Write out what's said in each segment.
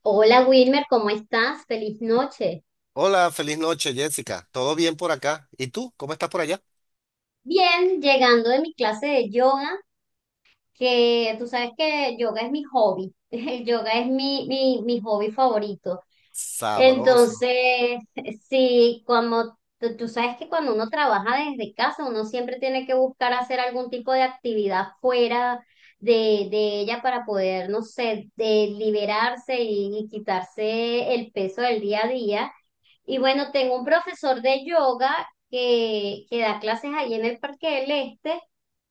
Hola Wilmer, ¿cómo estás? Feliz noche. Hola, feliz noche, Jessica. ¿Todo bien por acá? ¿Y tú? ¿Cómo estás por allá? Bien, llegando de mi clase de yoga, que tú sabes que yoga es mi hobby. El yoga es mi hobby favorito. Sabroso. Entonces, sí, como tú sabes que cuando uno trabaja desde casa, uno siempre tiene que buscar hacer algún tipo de actividad fuera de ella para poder, no sé, de liberarse y quitarse el peso del día a día. Y bueno, tengo un profesor de yoga que da clases allí en el Parque del Este.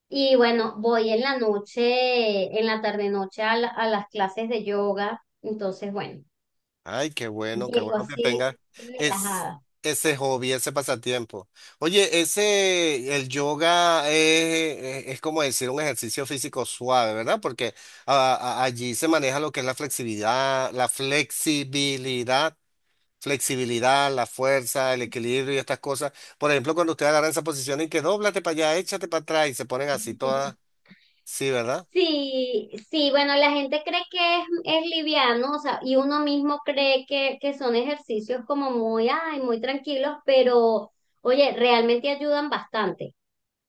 Y bueno, voy en la noche, en la tarde-noche a, a las clases de yoga. Entonces, bueno, Ay, qué llego bueno que así tengas es, relajada. ese hobby, ese pasatiempo. Oye, ese, el yoga es como decir un ejercicio físico suave, ¿verdad? Porque allí se maneja lo que es la flexibilidad, la flexibilidad, la fuerza, el equilibrio y estas cosas. Por ejemplo, cuando usted agarra esa posición y que dóblate para allá, échate para atrás y se ponen así todas, sí, ¿verdad? Sí, sí, bueno, la gente cree que es liviano, o sea, y uno mismo cree que son ejercicios como muy, ay, muy tranquilos, pero oye, realmente ayudan bastante.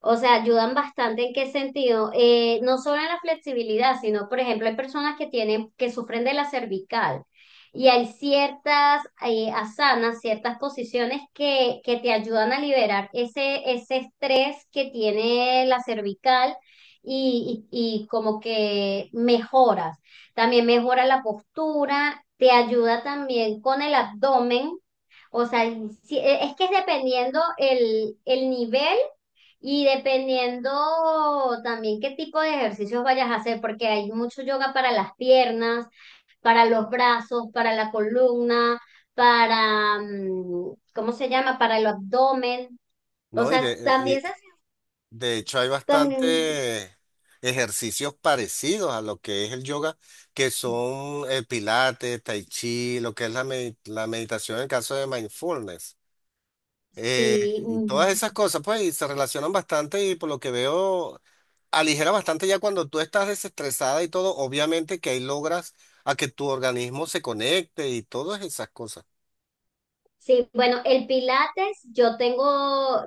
O sea, ayudan bastante en qué sentido. No solo en la flexibilidad, sino, por ejemplo, hay personas que tienen, que sufren de la cervical y hay ciertas asanas, ciertas posiciones que te ayudan a liberar ese estrés que tiene la cervical y como que mejoras. También mejora la postura, te ayuda también con el abdomen. O sea, es que es dependiendo el nivel y dependiendo también qué tipo de ejercicios vayas a hacer, porque hay mucho yoga para las piernas, para los brazos, para la columna, para, ¿cómo se llama? Para el abdomen. O No, sea, también se y hace, de hecho hay también, bastante ejercicios parecidos a lo que es el yoga, que son el pilates, tai chi, lo que es la meditación en el caso de mindfulness. Eh, sí, y todas mm, esas cosas, pues, y se relacionan bastante y por lo que veo, aligera bastante ya cuando tú estás desestresada y todo, obviamente que ahí logras a que tu organismo se conecte y todas esas cosas. sí, bueno, el Pilates,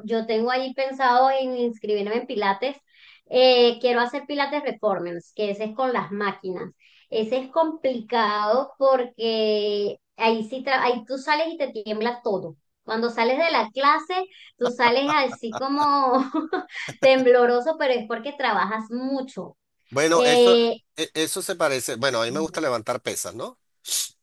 yo tengo ahí pensado en inscribirme en Pilates. Quiero hacer Pilates Reformers, que ese es con las máquinas. Ese es complicado porque ahí sí, ahí tú sales y te tiembla todo. Cuando sales de la clase, tú sales así como tembloroso, pero es porque trabajas mucho. Bueno, eso, Eh, Eso se parece, bueno, a mí me gusta levantar pesas, ¿no?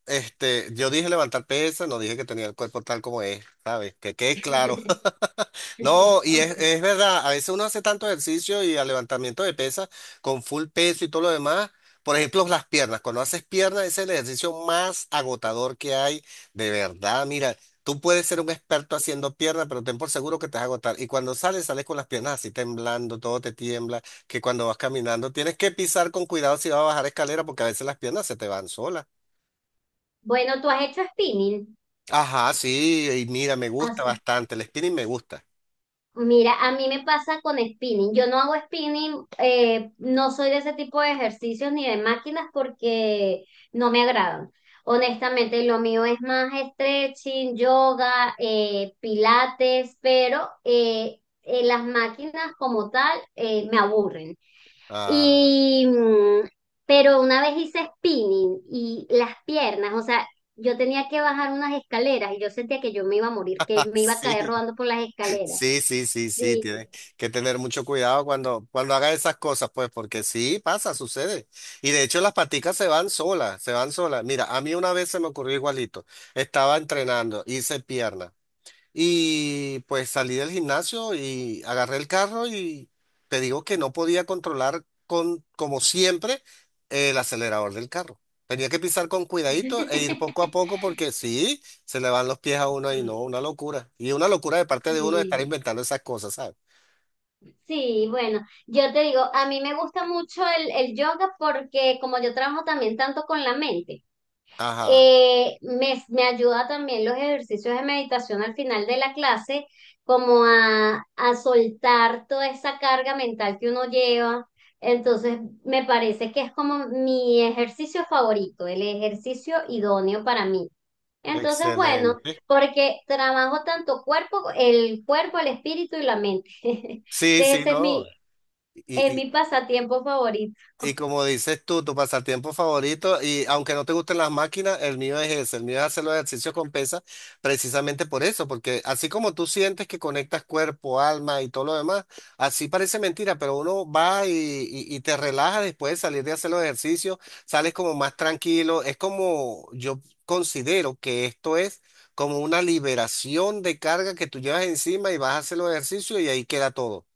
Este, yo dije levantar pesas, no dije que tenía el cuerpo tal como es, ¿sabes? Que quede claro. No, ok. es verdad, a veces uno hace tanto ejercicio y al levantamiento de pesas con full peso y todo lo demás. Por ejemplo, las piernas. Cuando haces piernas ese es el ejercicio más agotador que hay, de verdad. Mira, tú puedes ser un experto haciendo piernas, pero ten por seguro que te vas a agotar. Y cuando sales, sales con las piernas así temblando, todo te tiembla, que cuando vas caminando tienes que pisar con cuidado si vas a bajar escalera porque a veces las piernas se te van solas. Bueno, tú has hecho spinning. Ajá, sí, y mira, me gusta bastante, el spinning me gusta. Mira, a mí me pasa con spinning. Yo no hago spinning, no soy de ese tipo de ejercicios ni de máquinas porque no me agradan. Honestamente, lo mío es más stretching, yoga, pilates, pero las máquinas como tal me aburren. Ah, Y, mm, pero una vez hice spinning y las piernas, o sea, yo tenía que bajar unas escaleras y yo sentía que yo me iba a morir, que me iba a sí, caer rodando por las escaleras. sí, Sí, tienes que tener mucho cuidado cuando hagas esas cosas, pues, porque sí, pasa, sucede. Y de hecho las paticas se van solas, se van solas. Mira, a mí una vez se me ocurrió igualito, estaba entrenando, hice pierna. Y pues salí del gimnasio y agarré el carro y te digo que no podía controlar con, como siempre, el acelerador del carro. Tenía que pisar con cuidadito e ir poco a poco porque sí, se le van los pies a uno y no, sí, una locura. Y una locura de parte de uno de estar sí, inventando esas cosas, ¿sabes? sí, bueno, yo te digo, a mí me gusta mucho el yoga porque como yo trabajo también tanto con la mente. Ajá, Me ayuda también los ejercicios de meditación al final de la clase, como a soltar toda esa carga mental que uno lleva. Entonces, me parece que es como mi ejercicio favorito, el ejercicio idóneo para mí. Entonces, bueno, excelente. porque trabajo tanto cuerpo, el espíritu y la mente. Entonces, Sí, sí, ese es mi, no. es y mi pasatiempo favorito. Y como dices tú, tu pasatiempo favorito, y aunque no te gusten las máquinas, el mío es ese, el mío es hacer los ejercicios con pesas, precisamente por eso, porque así como tú sientes que conectas cuerpo, alma y todo lo demás, así parece mentira, pero uno va y te relaja después de salir de hacer los ejercicios, sales como más tranquilo, es como yo considero que esto es como una liberación de carga que tú llevas encima y vas a hacer los ejercicios y ahí queda todo.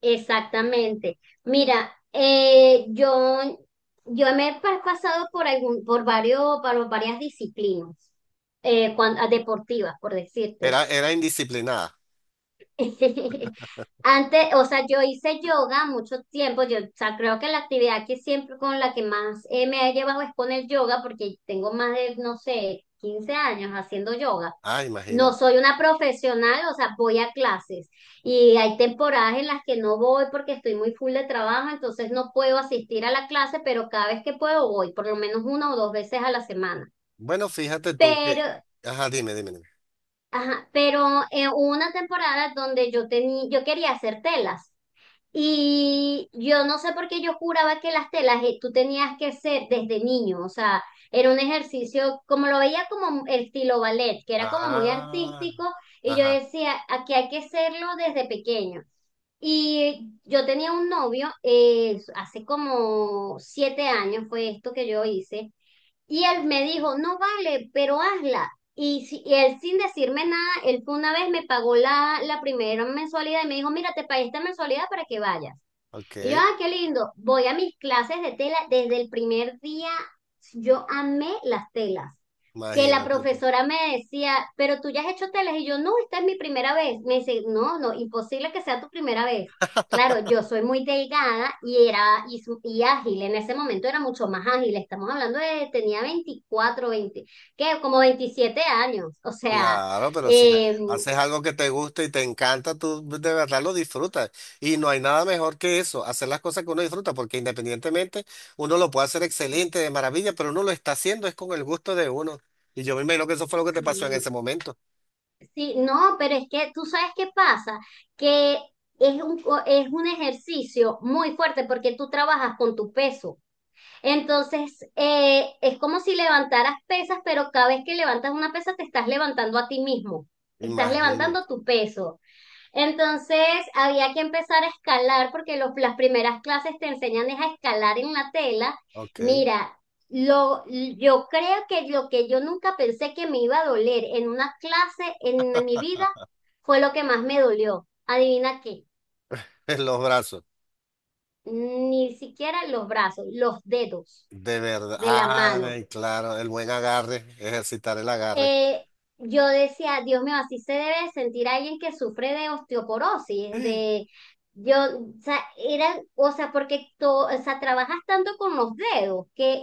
Exactamente. Mira, yo me he pasado por por varias disciplinas deportivas, por decirte. Era, era indisciplinada. Antes, o sea, yo hice yoga mucho tiempo. Yo, o sea, creo que la actividad que siempre con la que más me he llevado es con el yoga, porque tengo más de, no sé, 15 años haciendo yoga. Ah, No imagínate. soy una profesional, o sea, voy a clases y hay temporadas en las que no voy porque estoy muy full de trabajo, entonces no puedo asistir a la clase, pero cada vez que puedo voy, por lo menos una o dos veces a la semana. Bueno, fíjate tú que. Pero, Ajá, dime, dime, dime. ajá, pero hubo una temporada donde yo quería hacer telas. Y yo no sé por qué yo juraba que las telas tú tenías que ser desde niño, o sea, era un ejercicio, como lo veía como el estilo ballet, que era como muy Ah, artístico, y yo ajá, decía, aquí hay que hacerlo desde pequeño. Y yo tenía un novio, hace como 7 años fue esto que yo hice, y él me dijo, no vale, pero hazla. Y él sin decirme nada, él fue una vez me pagó la primera mensualidad y me dijo, mira, te pagué esta mensualidad para que vayas. Y yo, ok. ah, qué lindo. Voy a mis clases de tela. Desde el primer día yo amé las telas. Que la Imagínate tú. profesora me decía, pero tú ya has hecho telas. Y yo, no, esta es mi primera vez. Me dice, no, no, imposible que sea tu primera vez. Claro, yo soy muy delgada y era y ágil. En ese momento era mucho más ágil. Estamos hablando de, tenía 24 20 que como 27 años. O sea, Claro, pero si eh, haces algo que te gusta y te encanta, tú de verdad lo disfrutas. Y no hay nada mejor que eso, hacer las cosas que uno disfruta, porque independientemente uno lo puede hacer excelente, de maravilla, pero uno lo está haciendo es con el gusto de uno. Y yo me imagino que eso fue lo que te pasó en sí. ese momento. Sí, no, pero es que tú sabes qué pasa, que es un, es un ejercicio muy fuerte porque tú trabajas con tu peso. Entonces, es como si levantaras pesas, pero cada vez que levantas una pesa te estás levantando a ti mismo, estás levantando Imagínate. tu peso. Entonces había que empezar a escalar porque las primeras clases te enseñan es a escalar en la tela. Ok. Mira, lo, yo creo que lo que yo nunca pensé que me iba a doler en una clase en mi vida fue lo que más me dolió. Adivina qué, En los brazos. ni siquiera los brazos, los dedos De verdad. de la mano. Ay, claro, el buen agarre, ejercitar el agarre. Eh, yo decía, Dios mío, así se debe sentir alguien que sufre de osteoporosis, de yo, o sea, era, o sea, porque o sea, trabajas tanto con los dedos que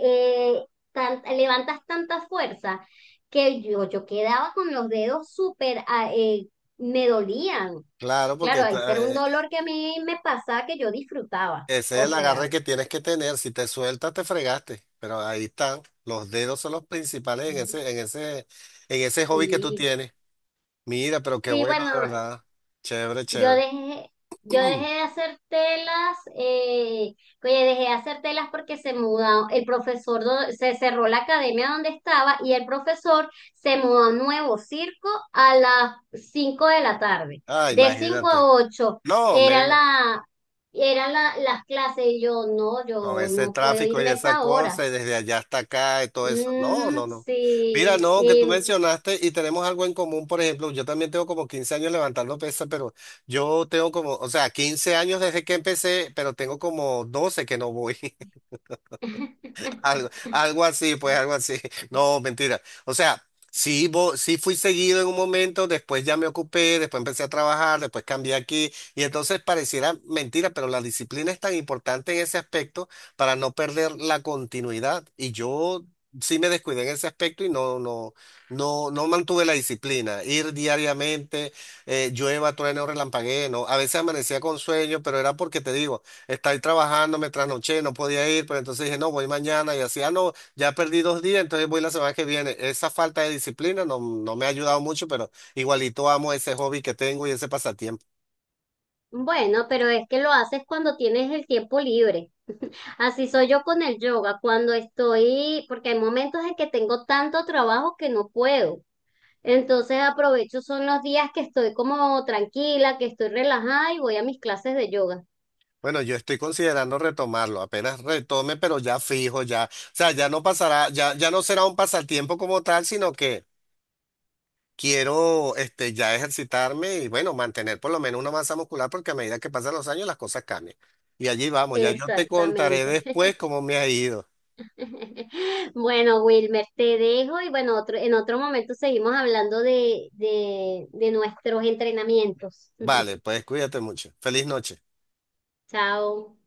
levantas tanta fuerza que yo quedaba con los dedos súper, ah, me dolían. Claro, porque Claro, ahí era un dolor que a mí me pasaba que yo disfrutaba. ese es O el agarre sea, que tienes que tener. Si te sueltas, te fregaste. Pero ahí están. Los dedos son los principales en ujú, en ese hobby que tú sí. tienes. Mira, pero qué Sí, bueno, bueno, de verdad. Chévere, Yo chévere. dejé, yo dejé de hacer telas, oye, dejé de hacer telas porque se mudó, el profesor se cerró la academia donde estaba y el profesor se mudó a un nuevo circo a las 5 de la tarde. Ah, De 5 imagínate. a 8 No, era menos. Las clases y Con yo ese no puedo tráfico y irme esa esa hora. cosa, y desde allá hasta acá y todo eso. No, Ujú, no, no. Mira, sí, no, que tú y- mencionaste y tenemos algo en común, por ejemplo, yo también tengo como 15 años levantando pesas, pero yo tengo como, o sea, 15 años desde que empecé, pero tengo como 12 que no voy. Algo, algo así, pues algo así. No, mentira. O sea, sí fui seguido en un momento, después ya me ocupé, después empecé a trabajar, después cambié aquí y entonces pareciera mentira, pero la disciplina es tan importante en ese aspecto para no perder la continuidad. Y yo sí me descuidé en ese aspecto y no mantuve la disciplina. Ir diariamente, llueva, trueno, relampaguee, no. A veces amanecía con sueño, pero era porque te digo. Estaba trabajando, me trasnoché, no podía ir, pero entonces dije, no, voy mañana y así, ah, no, ya perdí 2 días, entonces voy la semana que viene. Esa falta de disciplina no me ha ayudado mucho, pero igualito amo ese hobby que tengo y ese pasatiempo. Bueno, pero es que lo haces cuando tienes el tiempo libre. Así soy yo con el yoga, cuando estoy, porque hay momentos en que tengo tanto trabajo que no puedo. Entonces aprovecho, son los días que estoy como tranquila, que estoy relajada y voy a mis clases de yoga. Bueno, yo estoy considerando retomarlo, apenas retome, pero ya fijo, ya, o sea, ya no pasará, ya, ya no será un pasatiempo como tal, sino que quiero, este, ya ejercitarme y bueno, mantener por lo menos una masa muscular, porque a medida que pasan los años las cosas cambian. Y allí vamos, ya yo te contaré Exactamente. después cómo me ha ido. Bueno, Wilmer, te dejo y bueno, en otro momento seguimos hablando de nuestros entrenamientos. Vale, pues cuídate mucho. Feliz noche. Chao.